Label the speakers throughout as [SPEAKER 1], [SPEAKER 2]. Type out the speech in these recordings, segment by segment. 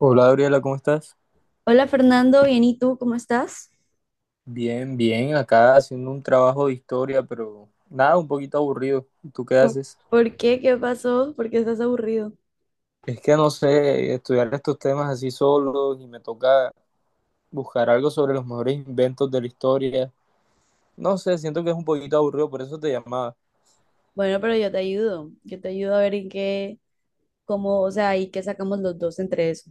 [SPEAKER 1] Hola Gabriela, ¿cómo estás?
[SPEAKER 2] Hola Fernando, bien, ¿y tú cómo estás?
[SPEAKER 1] Bien, acá haciendo un trabajo de historia, pero nada, un poquito aburrido. ¿Y tú qué
[SPEAKER 2] ¿Por,
[SPEAKER 1] haces?
[SPEAKER 2] ¿Por qué? ¿Qué pasó? ¿Por qué estás aburrido?
[SPEAKER 1] Es que no sé, estudiar estos temas así solos y me toca buscar algo sobre los mejores inventos de la historia. No sé, siento que es un poquito aburrido, por eso te llamaba.
[SPEAKER 2] Bueno, pero yo te ayudo a ver en cómo, o sea, y qué sacamos los dos entre eso.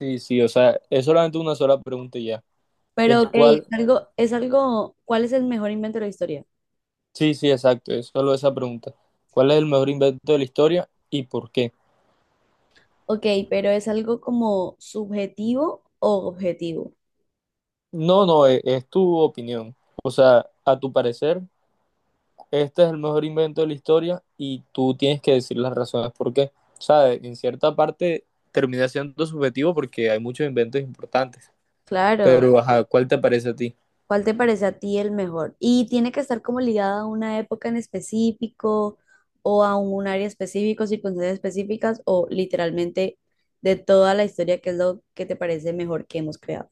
[SPEAKER 1] Sí, o sea, es solamente una sola pregunta y ya.
[SPEAKER 2] Pero
[SPEAKER 1] Es
[SPEAKER 2] ok,
[SPEAKER 1] cuál,
[SPEAKER 2] es algo, ¿cuál es el mejor invento de la historia?
[SPEAKER 1] sí, exacto, es solo esa pregunta. ¿Cuál es el mejor invento de la historia y por qué?
[SPEAKER 2] Ok, pero ¿es algo como subjetivo o objetivo?
[SPEAKER 1] No, es tu opinión. O sea, a tu parecer. Este es el mejor invento de la historia y tú tienes que decir las razones por qué. O sea, en cierta parte termina siendo subjetivo porque hay muchos inventos importantes.
[SPEAKER 2] Claro.
[SPEAKER 1] Pero, ajá, ¿cuál te parece a ti?
[SPEAKER 2] ¿Cuál te parece a ti el mejor? Y tiene que estar como ligada a una época en específico o a un área específico, circunstancias específicas o literalmente de toda la historia, que es lo que te parece mejor que hemos creado?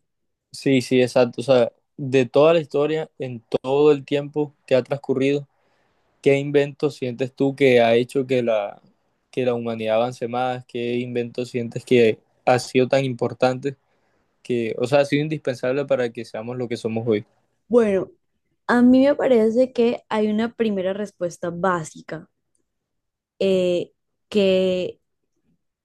[SPEAKER 1] Sí, exacto. O sea, de toda la historia, en todo el tiempo que ha transcurrido, ¿qué invento sientes tú que ha hecho que la humanidad avance más? ¿Qué invento sientes que ha sido tan importante que, o sea, ha sido indispensable para que seamos lo que somos hoy?
[SPEAKER 2] Bueno, a mí me parece que hay una primera respuesta básica. eh, que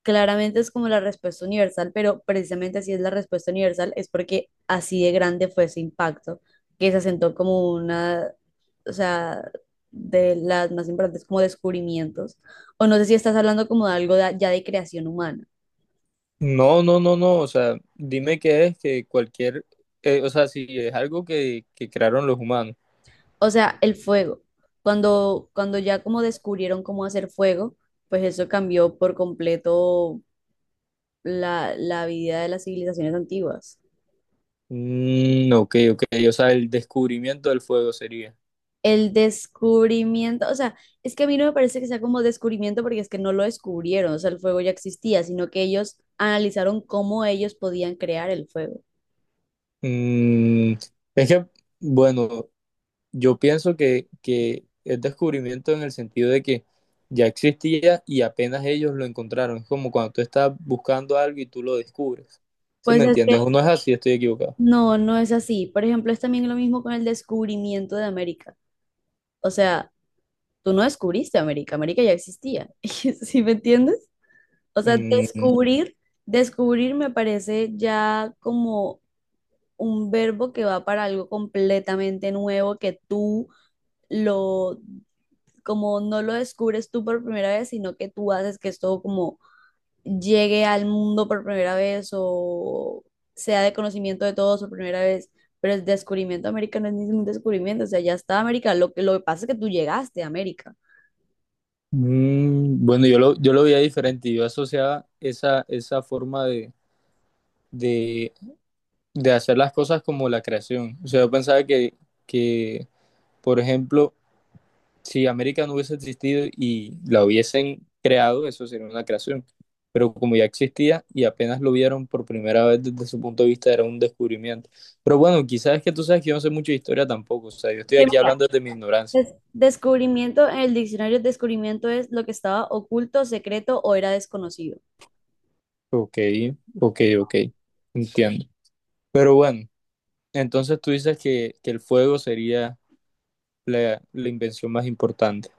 [SPEAKER 2] claramente es como la respuesta universal, pero precisamente así es la respuesta universal, es porque así de grande fue ese impacto, que se asentó como o sea, de las más importantes como descubrimientos, o no sé si estás hablando como de ya de creación humana,
[SPEAKER 1] No, o sea, dime qué es que o sea, si es algo que crearon los humanos.
[SPEAKER 2] o sea, el fuego, cuando ya como descubrieron cómo hacer fuego, pues eso cambió por completo la vida de las civilizaciones antiguas.
[SPEAKER 1] Ok, o sea, el descubrimiento del fuego sería.
[SPEAKER 2] El descubrimiento, o sea, es que a mí no me parece que sea como descubrimiento porque es que no lo descubrieron, o sea, el fuego ya existía, sino que ellos analizaron cómo ellos podían crear el fuego.
[SPEAKER 1] Mm, es que, bueno, yo pienso que es descubrimiento en el sentido de que ya existía y apenas ellos lo encontraron. Es como cuando tú estás buscando algo y tú lo descubres. ¿Sí
[SPEAKER 2] Pues
[SPEAKER 1] me
[SPEAKER 2] es que
[SPEAKER 1] entiendes? ¿O no es así? Estoy equivocado.
[SPEAKER 2] no es así. Por ejemplo, es también lo mismo con el descubrimiento de América. O sea, tú no descubriste América, América ya existía. ¿Sí me entiendes? O sea,
[SPEAKER 1] Mm,
[SPEAKER 2] descubrir me parece ya como un verbo que va para algo completamente nuevo que tú lo como no lo descubres tú por primera vez, sino que tú haces que esto como llegue al mundo por primera vez o sea de conocimiento de todos por primera vez. Pero el descubrimiento de América no es ningún descubrimiento, o sea, ya está América. Lo que pasa es que tú llegaste a América.
[SPEAKER 1] Bueno, yo lo veía diferente. Yo asociaba esa forma de, de hacer las cosas como la creación. O sea, yo pensaba que, por ejemplo, si América no hubiese existido y la hubiesen creado, eso sería una creación. Pero como ya existía y apenas lo vieron por primera vez desde su punto de vista, era un descubrimiento. Pero bueno, quizás es que tú sabes que yo no sé mucho de historia tampoco. O sea, yo estoy
[SPEAKER 2] Que
[SPEAKER 1] aquí
[SPEAKER 2] mira,
[SPEAKER 1] hablando desde mi ignorancia.
[SPEAKER 2] descubrimiento en el diccionario, descubrimiento es lo que estaba oculto, secreto o era desconocido.
[SPEAKER 1] Ok, ok. Entiendo. Pero bueno. Entonces tú dices que el fuego sería la invención más importante.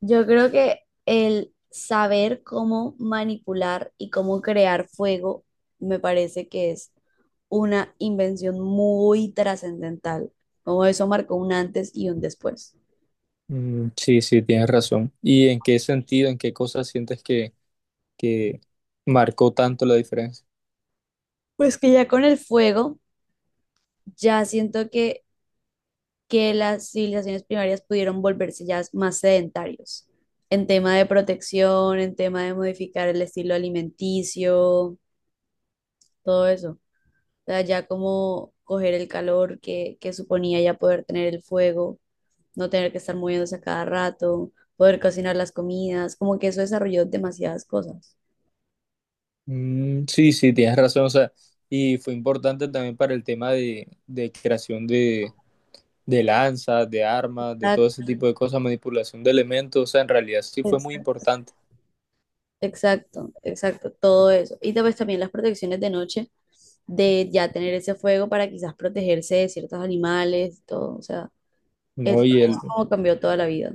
[SPEAKER 2] Yo creo que el saber cómo manipular y cómo crear fuego me parece que es una invención muy trascendental, como eso marcó un antes y un después.
[SPEAKER 1] Sí, tienes razón. ¿Y en qué sentido, en qué cosas sientes que marcó tanto la diferencia?
[SPEAKER 2] Pues que ya con el fuego, ya siento que las civilizaciones primarias pudieron volverse ya más sedentarios en tema de protección, en tema de modificar el estilo alimenticio, todo eso. O sea, ya como coger el calor que suponía ya poder tener el fuego, no tener que estar moviéndose a cada rato, poder cocinar las comidas, como que eso desarrolló demasiadas cosas.
[SPEAKER 1] Sí, tienes razón. O sea, y fue importante también para el tema de creación de lanzas, de armas, de
[SPEAKER 2] Sea,
[SPEAKER 1] todo ese tipo de cosas, manipulación de elementos. O sea, en realidad sí fue muy
[SPEAKER 2] exacto,
[SPEAKER 1] importante,
[SPEAKER 2] exacto, exacto, todo eso. Y después también las protecciones de noche, de ya tener ese fuego para quizás protegerse de ciertos animales, todo, o sea, es
[SPEAKER 1] ¿no?
[SPEAKER 2] es como cambió toda la vida.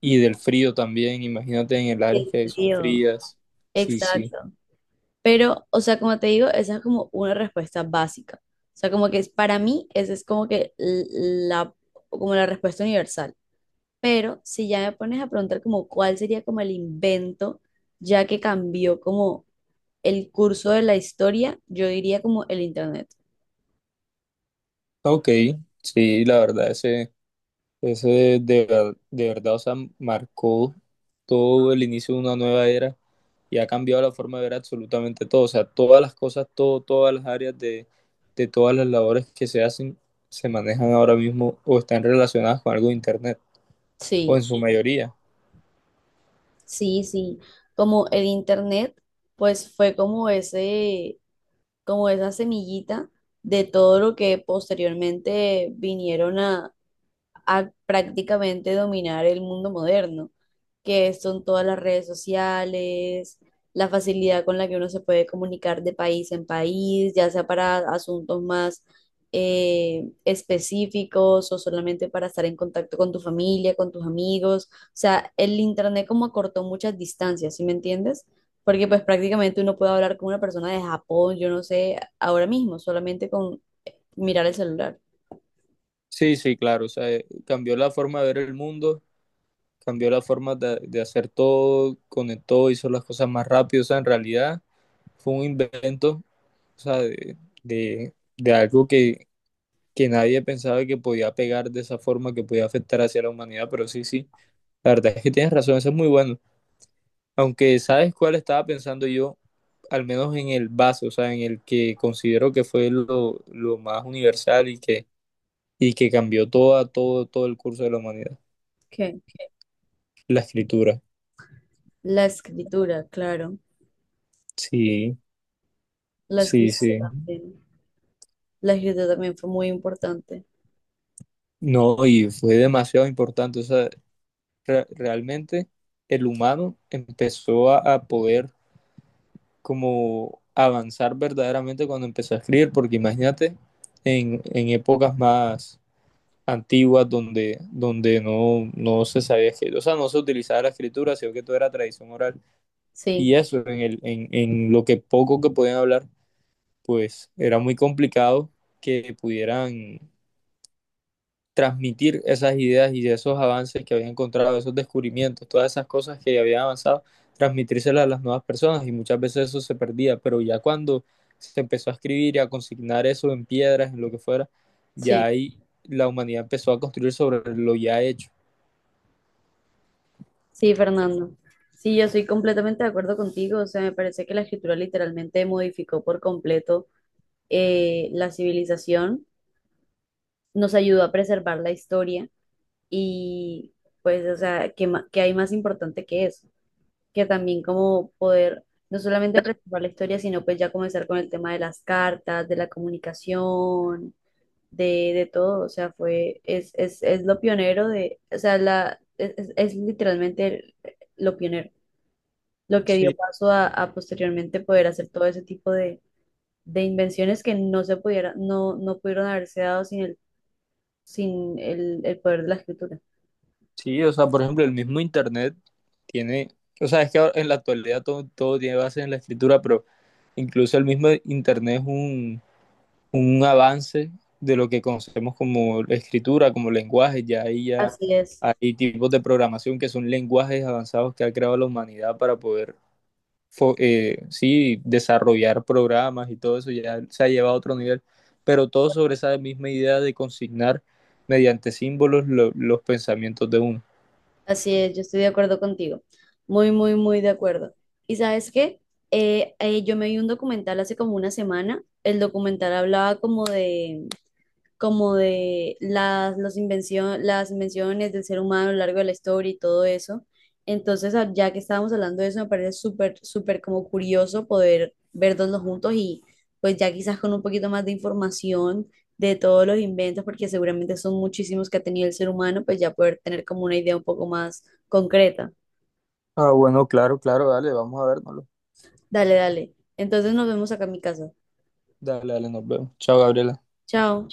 [SPEAKER 1] Y del frío también, imagínate en el área
[SPEAKER 2] El
[SPEAKER 1] que son
[SPEAKER 2] frío,
[SPEAKER 1] frías. Sí, sí.
[SPEAKER 2] exacto. Pero, o sea, como te digo, esa es como una respuesta básica. O sea, como que es, para mí, esa es como que la, como la respuesta universal. Pero si ya me pones a preguntar como cuál sería como el invento, ya que cambió como el curso de la historia, yo diría como el internet.
[SPEAKER 1] Ok, sí, la verdad, de verdad, o sea, marcó todo el inicio de una nueva era y ha cambiado la forma de ver absolutamente todo, o sea, todas las cosas, todo, todas las áreas de todas las labores que se hacen, se manejan ahora mismo o están relacionadas con algo de Internet, o en
[SPEAKER 2] Sí,
[SPEAKER 1] su mayoría.
[SPEAKER 2] sí, sí. Como el internet, pues fue como ese, como esa semillita de todo lo que posteriormente vinieron a prácticamente dominar el mundo moderno, que son todas las redes sociales, la facilidad con la que uno se puede comunicar de país en país, ya sea para asuntos más específicos o solamente para estar en contacto con tu familia, con tus amigos. O sea, el internet como acortó muchas distancias, ¿sí me entiendes? Porque pues prácticamente uno puede hablar con una persona de Japón, yo no sé, ahora mismo, solamente con mirar el celular.
[SPEAKER 1] Sí, sí, claro, o sea, cambió la forma de ver el mundo, cambió la forma de hacer todo, conectó, hizo las cosas más rápido, o sea, en realidad fue un invento o sea, de algo que nadie pensaba que podía pegar de esa forma, que podía afectar hacia la humanidad, pero sí, sí, la verdad es que tienes razón, eso es muy bueno. Aunque sabes cuál estaba pensando yo, al menos en el base, o sea, en el que considero que fue lo más universal y que cambió todo el curso de la humanidad,
[SPEAKER 2] ¿Qué?
[SPEAKER 1] la escritura.
[SPEAKER 2] La escritura, claro.
[SPEAKER 1] Sí,
[SPEAKER 2] La
[SPEAKER 1] sí,
[SPEAKER 2] escritura
[SPEAKER 1] sí.
[SPEAKER 2] también. La escritura también fue muy importante.
[SPEAKER 1] No, y fue demasiado importante, o sea, realmente el humano empezó a poder como avanzar verdaderamente cuando empezó a escribir, porque imagínate en épocas más antiguas donde no se sabía escribir, o sea, no se utilizaba la escritura, sino que todo era tradición oral.
[SPEAKER 2] Sí,
[SPEAKER 1] Y eso, en, el, En lo que poco que podían hablar, pues era muy complicado que pudieran transmitir esas ideas y esos avances que había encontrado, esos descubrimientos, todas esas cosas que había avanzado, transmitírselas a las nuevas personas y muchas veces eso se perdía, pero ya cuando se empezó a escribir y a consignar eso en piedras, en lo que fuera, ya
[SPEAKER 2] sí,
[SPEAKER 1] ahí la humanidad empezó a construir sobre lo ya hecho.
[SPEAKER 2] sí, Fernando. Sí, yo estoy completamente de acuerdo contigo. O sea, me parece que la escritura literalmente modificó por completo la civilización, nos ayudó a preservar la historia y pues, o sea, ¿qué hay más importante que eso? Que también como poder no solamente preservar la historia, sino pues ya comenzar con el tema de las cartas, de la comunicación de todo, o sea, es lo pionero de, o sea, es literalmente lo pionero, lo que dio
[SPEAKER 1] Sí,
[SPEAKER 2] paso a posteriormente poder hacer todo ese tipo de invenciones que no se pudiera, no pudieron haberse dado sin sin el poder de la escritura.
[SPEAKER 1] Sí, o sea, por ejemplo, el mismo Internet tiene, o sea, es que ahora en la actualidad todo, todo tiene base en la escritura, pero incluso el mismo Internet es un avance de lo que conocemos como escritura, como lenguaje, ya ahí ya
[SPEAKER 2] Así es,
[SPEAKER 1] hay tipos de programación que son lenguajes avanzados que ha creado la humanidad para poder sí, desarrollar programas y todo eso, ya se ha llevado a otro nivel, pero todo sobre esa misma idea de consignar mediante símbolos lo, los pensamientos de uno.
[SPEAKER 2] así es, yo estoy de acuerdo contigo, muy, muy, muy de acuerdo. ¿Y sabes qué? Yo me vi un documental hace como una semana, el documental hablaba como de las invenciones del ser humano a lo largo de la historia y todo eso. Entonces, ya que estábamos hablando de eso, me parece súper, súper como curioso poder verlos juntos y pues ya quizás con un poquito más de información de todos los inventos, porque seguramente son muchísimos que ha tenido el ser humano, pues ya poder tener como una idea un poco más concreta.
[SPEAKER 1] Ah, bueno, claro, dale, vamos a vernoslo.
[SPEAKER 2] Dale, dale. Entonces nos vemos acá en mi casa.
[SPEAKER 1] Dale, nos vemos. Chao, Gabriela.
[SPEAKER 2] Chao.